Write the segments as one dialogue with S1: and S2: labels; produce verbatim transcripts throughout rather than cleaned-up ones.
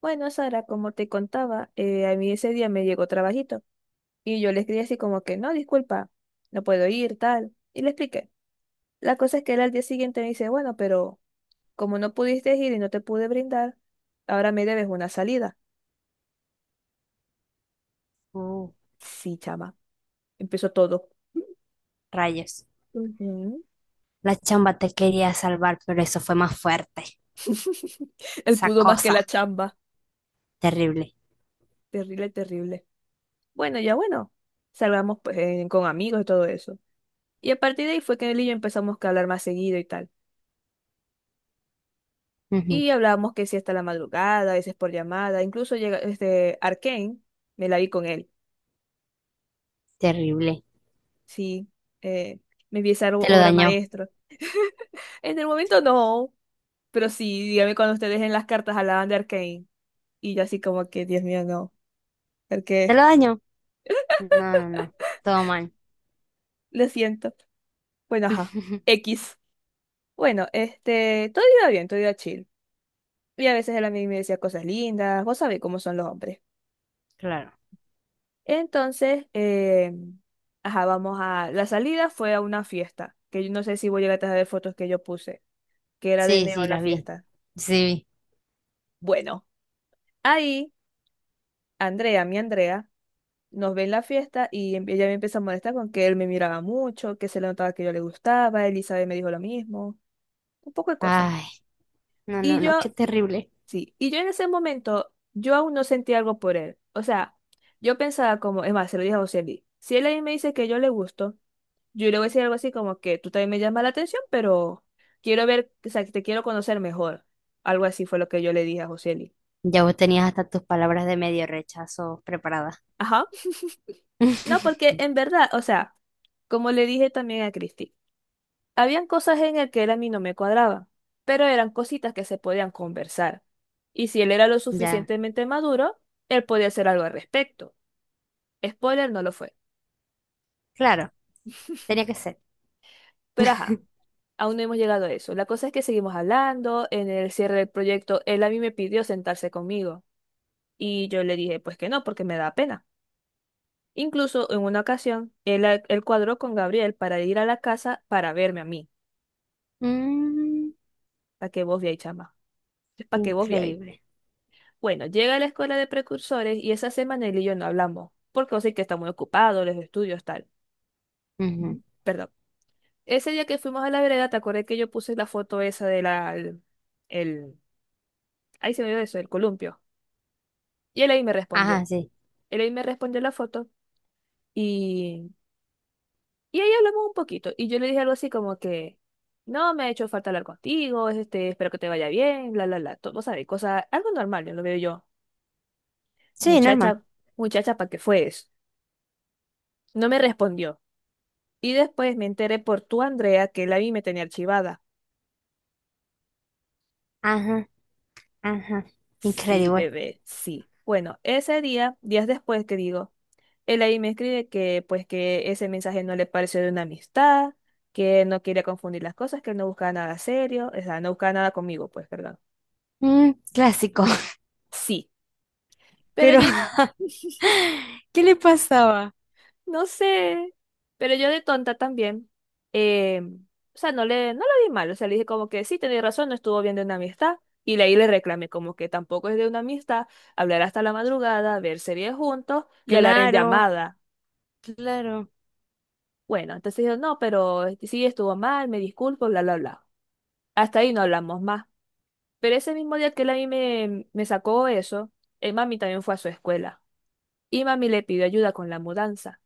S1: Bueno, Sara, como te contaba, eh, a mí ese día me llegó trabajito y yo le escribí así como que, no, disculpa, no puedo ir, tal, y le expliqué. La cosa es que él al día siguiente me dice, bueno, pero como no pudiste ir y no te pude brindar, ahora me debes una salida.
S2: Uh,
S1: Sí, chama, empezó todo.
S2: Rayos.
S1: Ujú.
S2: La chamba te quería salvar, pero eso fue más fuerte.
S1: Él
S2: Esa
S1: pudo más que
S2: cosa.
S1: la chamba.
S2: Terrible.
S1: Terrible, terrible. Bueno, ya bueno, salgamos pues, eh, con amigos y todo eso. Y a partir de ahí fue que él y yo empezamos que a hablar más seguido y tal.
S2: Ujú.
S1: Y hablábamos que sí hasta la madrugada, a veces por llamada, incluso llega este Arcane, me la vi con él,
S2: Terrible.
S1: sí, eh, me vi esa o-
S2: Te lo
S1: obra
S2: dañó.
S1: maestra. En el momento no, pero sí, dígame cuando ustedes en las cartas hablaban de Arcane, y yo así como que, Dios mío, no,
S2: ¿Te
S1: porque
S2: lo dañó? No, no, no. Todo mal.
S1: lo siento. Bueno, ajá, X. Bueno, este, todo iba bien, todo iba chill. Y a veces él a mí me decía cosas lindas, vos sabés cómo son los hombres.
S2: Claro.
S1: Entonces, eh, ajá, vamos a... La salida fue a una fiesta, que yo no sé si voy a llegar a ver fotos que yo puse, que era de
S2: Sí, sí,
S1: neón la
S2: las vi.
S1: fiesta.
S2: Sí, vi.
S1: Bueno, ahí Andrea, mi Andrea, nos ve en la fiesta y em- ella me empieza a molestar con que él me miraba mucho, que se le notaba que yo le gustaba, Elizabeth me dijo lo mismo, un poco de cosas.
S2: Ay, no, no,
S1: Y
S2: no.
S1: yo,
S2: Qué terrible.
S1: sí, y yo en ese momento, yo aún no sentí algo por él. O sea, yo pensaba como, es más, se lo dije a José Luis, si él ahí me dice que yo le gusto, yo le voy a decir algo así como que tú también me llamas la atención, pero quiero ver, o sea, que te quiero conocer mejor. Algo así fue lo que yo le dije a Joseli.
S2: Ya vos tenías hasta tus palabras de medio rechazo preparadas.
S1: Ajá. No, porque en verdad, o sea, como le dije también a Cristi, habían cosas en el que él a mí no me cuadraba, pero eran cositas que se podían conversar. Y si él era lo
S2: Ya.
S1: suficientemente maduro, él podía hacer algo al respecto. Spoiler, no lo fue.
S2: Claro. Tenía que ser.
S1: Pero ajá, aún no hemos llegado a eso. La cosa es que seguimos hablando, en el cierre del proyecto, él a mí me pidió sentarse conmigo. Y yo le dije, pues que no, porque me da pena. Incluso en una ocasión, él, a- él cuadró con Gabriel para ir a la casa para verme a mí.
S2: Mm,
S1: Para que vos veáis, chama. Es para que vos veáis.
S2: Increíble.
S1: Bueno, llega a la escuela de precursores y esa semana él y yo no hablamos, porque vos sé que está muy ocupado, los estudios, tal.
S2: Ujú.
S1: Ujú. Perdón. Ese día que fuimos a la vereda, te acordé que yo puse la foto esa de la, el, el- ahí se me dio eso, el columpio. Y él ahí me respondió.
S2: Ajá, sí.
S1: Él ahí me respondió la foto y Y ahí hablamos un poquito. Y yo le dije algo así como que, no, me ha hecho falta hablar contigo, este, espero que te vaya bien, bla, bla, bla. Todo, sabes sabés, cosa, algo normal, yo lo veo yo.
S2: Sí, normal.
S1: Muchacha, muchacha, ¿para qué fue eso? No me respondió. Y después me enteré por tu Andrea, que la vi me tenía archivada.
S2: Ajá. Ajá,
S1: Sí,
S2: increíble.
S1: bebé, sí. Bueno, ese día, días después que digo, él ahí me escribe que, pues, que ese mensaje no le pareció de una amistad, que no quería confundir las cosas, que él no buscaba nada serio, o sea, no buscaba nada conmigo, pues, perdón.
S2: Mm, clásico.
S1: Sí. Pero
S2: Pero,
S1: yo
S2: ¿qué le pasaba?
S1: no sé, pero yo de tonta también. eh, o sea, no le, no lo vi mal, o sea, le dije como que sí, tenía razón, no estuvo bien de una amistad. Y de ahí le reclamé como que tampoco es de una amistad hablar hasta la madrugada, ver series juntos y hablar en
S2: Claro,
S1: llamada.
S2: claro.
S1: Bueno, entonces yo no, pero este, sí estuvo mal, me disculpo, bla, bla, bla. Hasta ahí no hablamos más. Pero ese mismo día que él a mí me, me sacó eso, el mami también fue a su escuela y mami le pidió ayuda con la mudanza.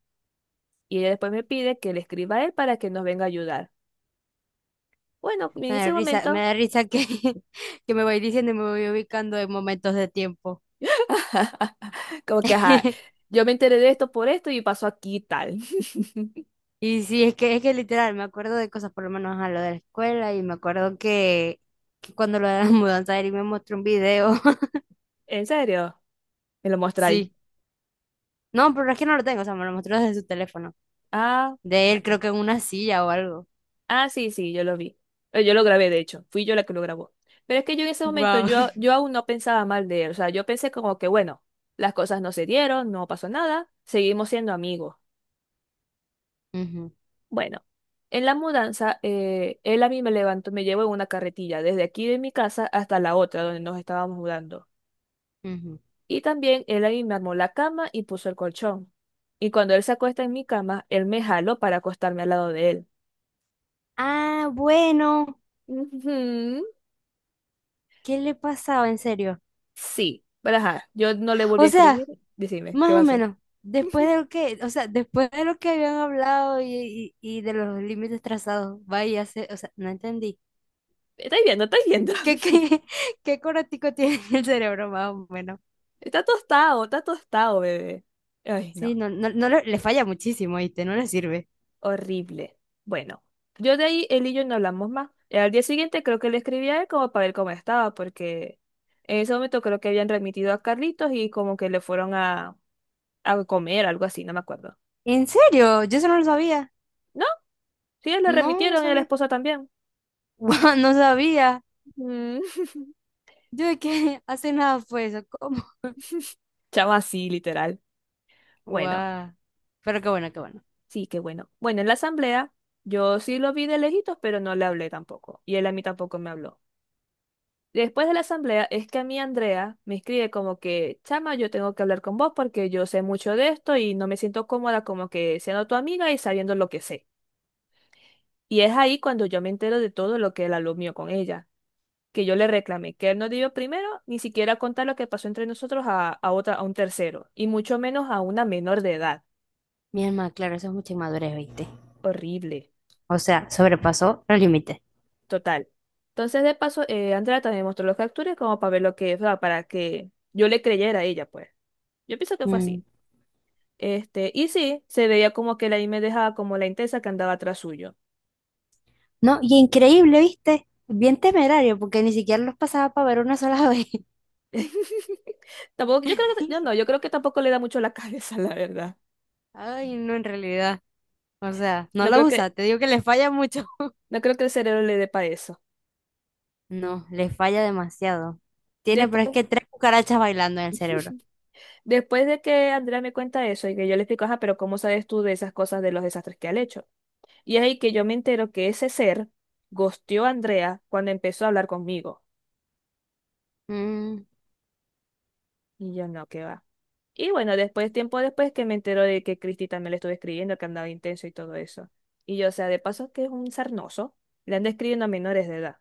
S1: Y ella después me pide que le escriba a él para que nos venga a ayudar. Bueno, en
S2: Me da
S1: ese
S2: risa, me
S1: momento,
S2: da risa que, que me voy diciendo y me voy ubicando en momentos de tiempo.
S1: como que, ajá, yo me enteré de esto por esto y pasó aquí y tal.
S2: Y sí, es que, es que literal, me acuerdo de cosas, por lo menos a lo de la escuela, y me acuerdo que, que cuando lo de la mudanza, Eric me mostró un video.
S1: ¿En serio? Me lo mostráis.
S2: Sí. No, pero es que no lo tengo, o sea, me lo mostró desde su teléfono.
S1: Ah,
S2: De él,
S1: espérate.
S2: creo que en una silla o algo.
S1: Ah, sí, sí, yo lo vi. Eh, Yo lo grabé, de hecho. Fui yo la que lo grabó. Pero es que yo en ese momento,
S2: Wow.
S1: yo, yo aún no pensaba mal de él. O sea, yo pensé como que, bueno, las cosas no se dieron, no pasó nada, seguimos siendo amigos. Bueno, en la mudanza, eh, él a mí me levantó, me llevó en una carretilla desde aquí de mi casa hasta la otra donde nos estábamos mudando. Y también él a mí me armó la cama y puso el colchón. Y cuando él se acuesta en mi cama, él me jaló para acostarme al lado de él.
S2: Ah, bueno,
S1: Ujú.
S2: ¿qué le pasaba en serio?
S1: Sí, pero ajá, yo no le volví a
S2: O
S1: escribir.
S2: sea,
S1: Decime, ¿qué
S2: más o
S1: pasó?
S2: menos, después de lo que, o sea, después de lo que habían hablado y, y- y de los límites trazados, vaya, se- o sea, no entendí.
S1: Estáis viendo, estáis viendo.
S2: ¿Qué, qué, qué coratico tiene el cerebro, más o menos?
S1: Está tostado, está tostado, bebé. Ay,
S2: Sí,
S1: no.
S2: no, no, no le, le falla muchísimo, ¿viste? No le sirve.
S1: Horrible. Bueno, yo de ahí él y yo no hablamos más. Y al día siguiente creo que le escribí a él como para ver cómo estaba, porque en ese momento creo que habían remitido a Carlitos y como que le fueron a, a comer, algo así, no me acuerdo.
S2: ¿En serio? Yo eso no lo sabía.
S1: No, sí, le
S2: No, no
S1: remitieron y a la
S2: sabía.
S1: esposa también.
S2: Guau, no sabía.
S1: Mm.
S2: Yo de que hace nada fue eso, ¿cómo?
S1: Chama así, literal. Bueno,
S2: Guau. Pero qué bueno, qué bueno.
S1: sí, qué bueno. Bueno, en la asamblea yo sí lo vi de lejitos, pero no le hablé tampoco. Y él a mí tampoco me habló. Después de la asamblea es que a mí Andrea me escribe como que, chama, yo tengo que hablar con vos porque yo sé mucho de esto y no me siento cómoda como que siendo tu amiga y sabiendo lo que sé. Y es ahí cuando yo me entero de todo lo que él habló mío con ella, que yo le reclamé que él no debió primero ni siquiera contar lo que pasó entre nosotros a, a otra, a un tercero, y mucho menos a una menor de edad.
S2: Mi alma, claro, eso es mucha inmadurez, ¿viste?
S1: Horrible.
S2: O sea, sobrepasó los límites.
S1: Total. Entonces, de paso, eh, Andrea también mostró los capturas como para ver lo que, o sea, para que yo le creyera a ella, pues. Yo pienso que fue
S2: Mm.
S1: así. Este, y sí, se veía como que ahí me dejaba como la intensa que andaba atrás suyo.
S2: No, y increíble, ¿viste? Bien temerario, porque ni siquiera los pasaba para ver una sola vez.
S1: Tampoco, yo creo que, yo no, yo creo que tampoco le da mucho la cabeza, la verdad.
S2: Ay, no, en realidad. O sea, no
S1: No
S2: lo
S1: creo que,
S2: usa, te digo que le falla mucho.
S1: no creo que el cerebro le dé para eso.
S2: No, le falla demasiado. Tiene, pero es
S1: Después,
S2: que tres cucarachas bailando en el cerebro.
S1: después de que Andrea me cuenta eso y que yo le explico, ajá, pero ¿cómo sabes tú de esas cosas, de los desastres que ha hecho? Y es ahí que yo me entero que ese ser gosteó a Andrea cuando empezó a hablar conmigo.
S2: Mm,
S1: Y yo no, que va. Y bueno, después, tiempo después que me entero de que Cristi también le estuve escribiendo, que andaba intenso y todo eso. Y yo, o sea, de paso que es un sarnoso, le anda escribiendo a menores de edad.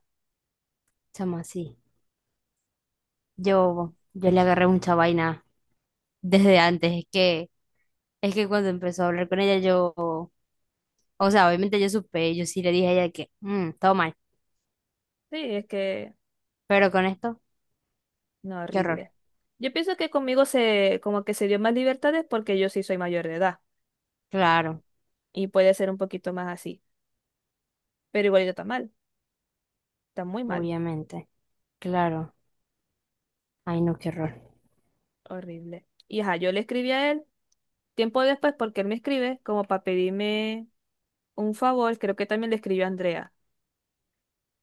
S2: Chamo, sí. Yo, yo le agarré mucha vaina desde antes. Es que, es que cuando empezó a hablar con ella, yo, o sea, obviamente yo supe, yo sí le dije a ella que, mm, todo mal.
S1: Sí, es que,
S2: Pero con esto,
S1: no,
S2: qué horror.
S1: horrible. Yo pienso que conmigo se, como que se dio más libertades porque yo sí soy mayor de edad
S2: Claro.
S1: y puede ser un poquito más así. Pero igual está mal, está muy mal,
S2: Obviamente, claro. Ay, no, qué horror.
S1: horrible. Y ajá, yo le escribí a él tiempo después porque él me escribe como para pedirme un favor, creo que también le escribió a Andrea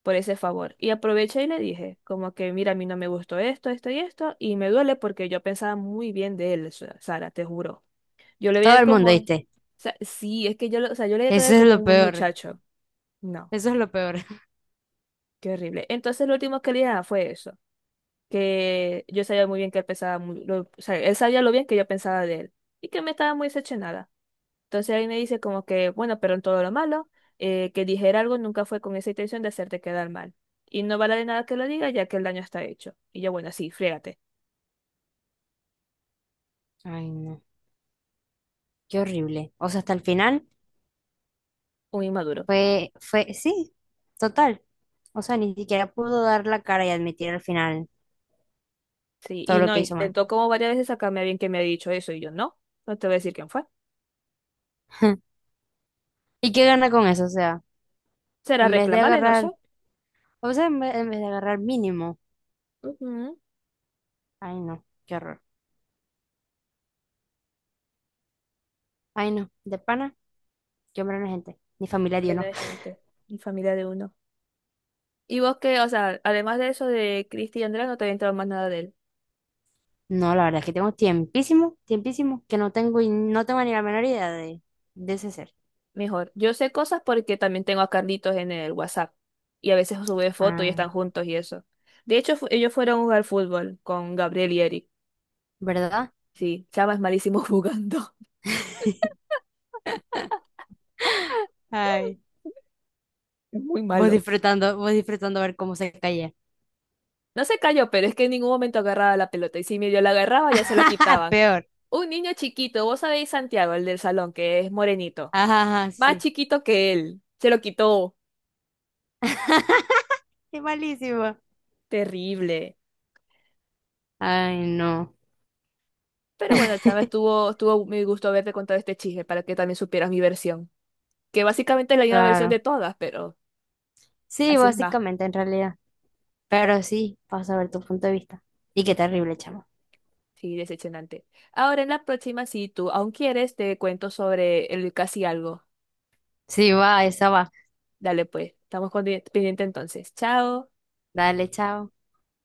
S1: por ese favor. Y aproveché y le dije, como que, mira, a mí no me gustó esto, esto y esto, y me duele porque yo pensaba muy bien de él, Sa- Sara, te juro. Yo le veía a
S2: Todo
S1: él
S2: el
S1: como,
S2: mundo,
S1: o
S2: ¿viste?
S1: sea, sí, es que yo, lo- o sea, yo le veía a
S2: Eso
S1: él
S2: es
S1: como
S2: lo
S1: un buen
S2: peor.
S1: muchacho. No,
S2: Eso es lo peor.
S1: qué horrible. Entonces lo último que le dije ah, fue eso, que yo sabía muy bien que él pensaba muy, lo- o sea, él sabía lo bien que yo pensaba de él y que me estaba muy decepcionada. Entonces ahí me dice como que, bueno, pero en todo lo malo, eh, que dijera algo nunca fue con esa intención de hacerte quedar mal. Y no vale de nada que lo diga, ya que el daño está hecho. Y yo, bueno, sí, friégate,
S2: Ay, no. Qué horrible. O sea, hasta el final
S1: un inmaduro.
S2: fue, fue, sí, total. O sea, ni siquiera pudo dar la cara y admitir al final
S1: Sí,
S2: todo
S1: y
S2: lo
S1: no,
S2: que hizo mal.
S1: intentó como varias veces sacarme a bien que me ha dicho eso, y yo, no, no te voy a decir quién fue.
S2: ¿Y qué gana con eso? O sea,
S1: Será
S2: en vez de
S1: reclamarle, no sé.
S2: agarrar, o sea, en ve- en vez, de agarrar mínimo.
S1: Ujú.
S2: Ay, no, qué horror. Ay, no, de pana, yo hombre no gente. Mi familia dio
S1: Pleno
S2: no.
S1: de gente, y familia de uno. Y vos qué o sea, además de eso de Cristi y Andrea, no te había entrado más nada de él.
S2: No, la verdad es que tengo tiempísimo, tiempísimo, que no tengo y no tengo ni la menor idea de, de ese ser.
S1: Mejor. Yo sé cosas porque también tengo a Carlitos en el WhatsApp. Y a veces sube fotos y
S2: Ah,
S1: están juntos y eso. De hecho, fu- ellos fueron a jugar fútbol con Gabriel y Eric.
S2: ¿verdad?
S1: Sí, Chava es malísimo jugando.
S2: Ay,
S1: Es muy
S2: vos
S1: malo.
S2: disfrutando, vos disfrutando ver cómo se caía.
S1: No se cayó, pero es que en ningún momento agarraba la pelota. Y si medio la agarraba, ya se la quitaban.
S2: Peor.
S1: Un niño chiquito, vos sabéis Santiago, el del salón, que es morenito.
S2: Ajá, ajá,
S1: Más
S2: sí.
S1: chiquito que él. Se lo quitó.
S2: Qué malísimo.
S1: Terrible.
S2: Ay, no.
S1: Pero bueno, Chava, estuvo, estuvo muy gusto haberte contado este chisme para que también supieras mi versión, que básicamente es la misma versión
S2: Claro.
S1: de todas, pero
S2: Sí,
S1: así es más.
S2: básicamente, en realidad. Pero sí, vas a ver tu punto de vista. Y qué
S1: Exacto.
S2: terrible, chamo.
S1: Sí, decepcionante. Ahora en la próxima, si tú aún quieres, te cuento sobre el casi algo.
S2: Sí, va, esa va.
S1: Dale pues, estamos condi- pendiente entonces. Chao.
S2: Dale, chao.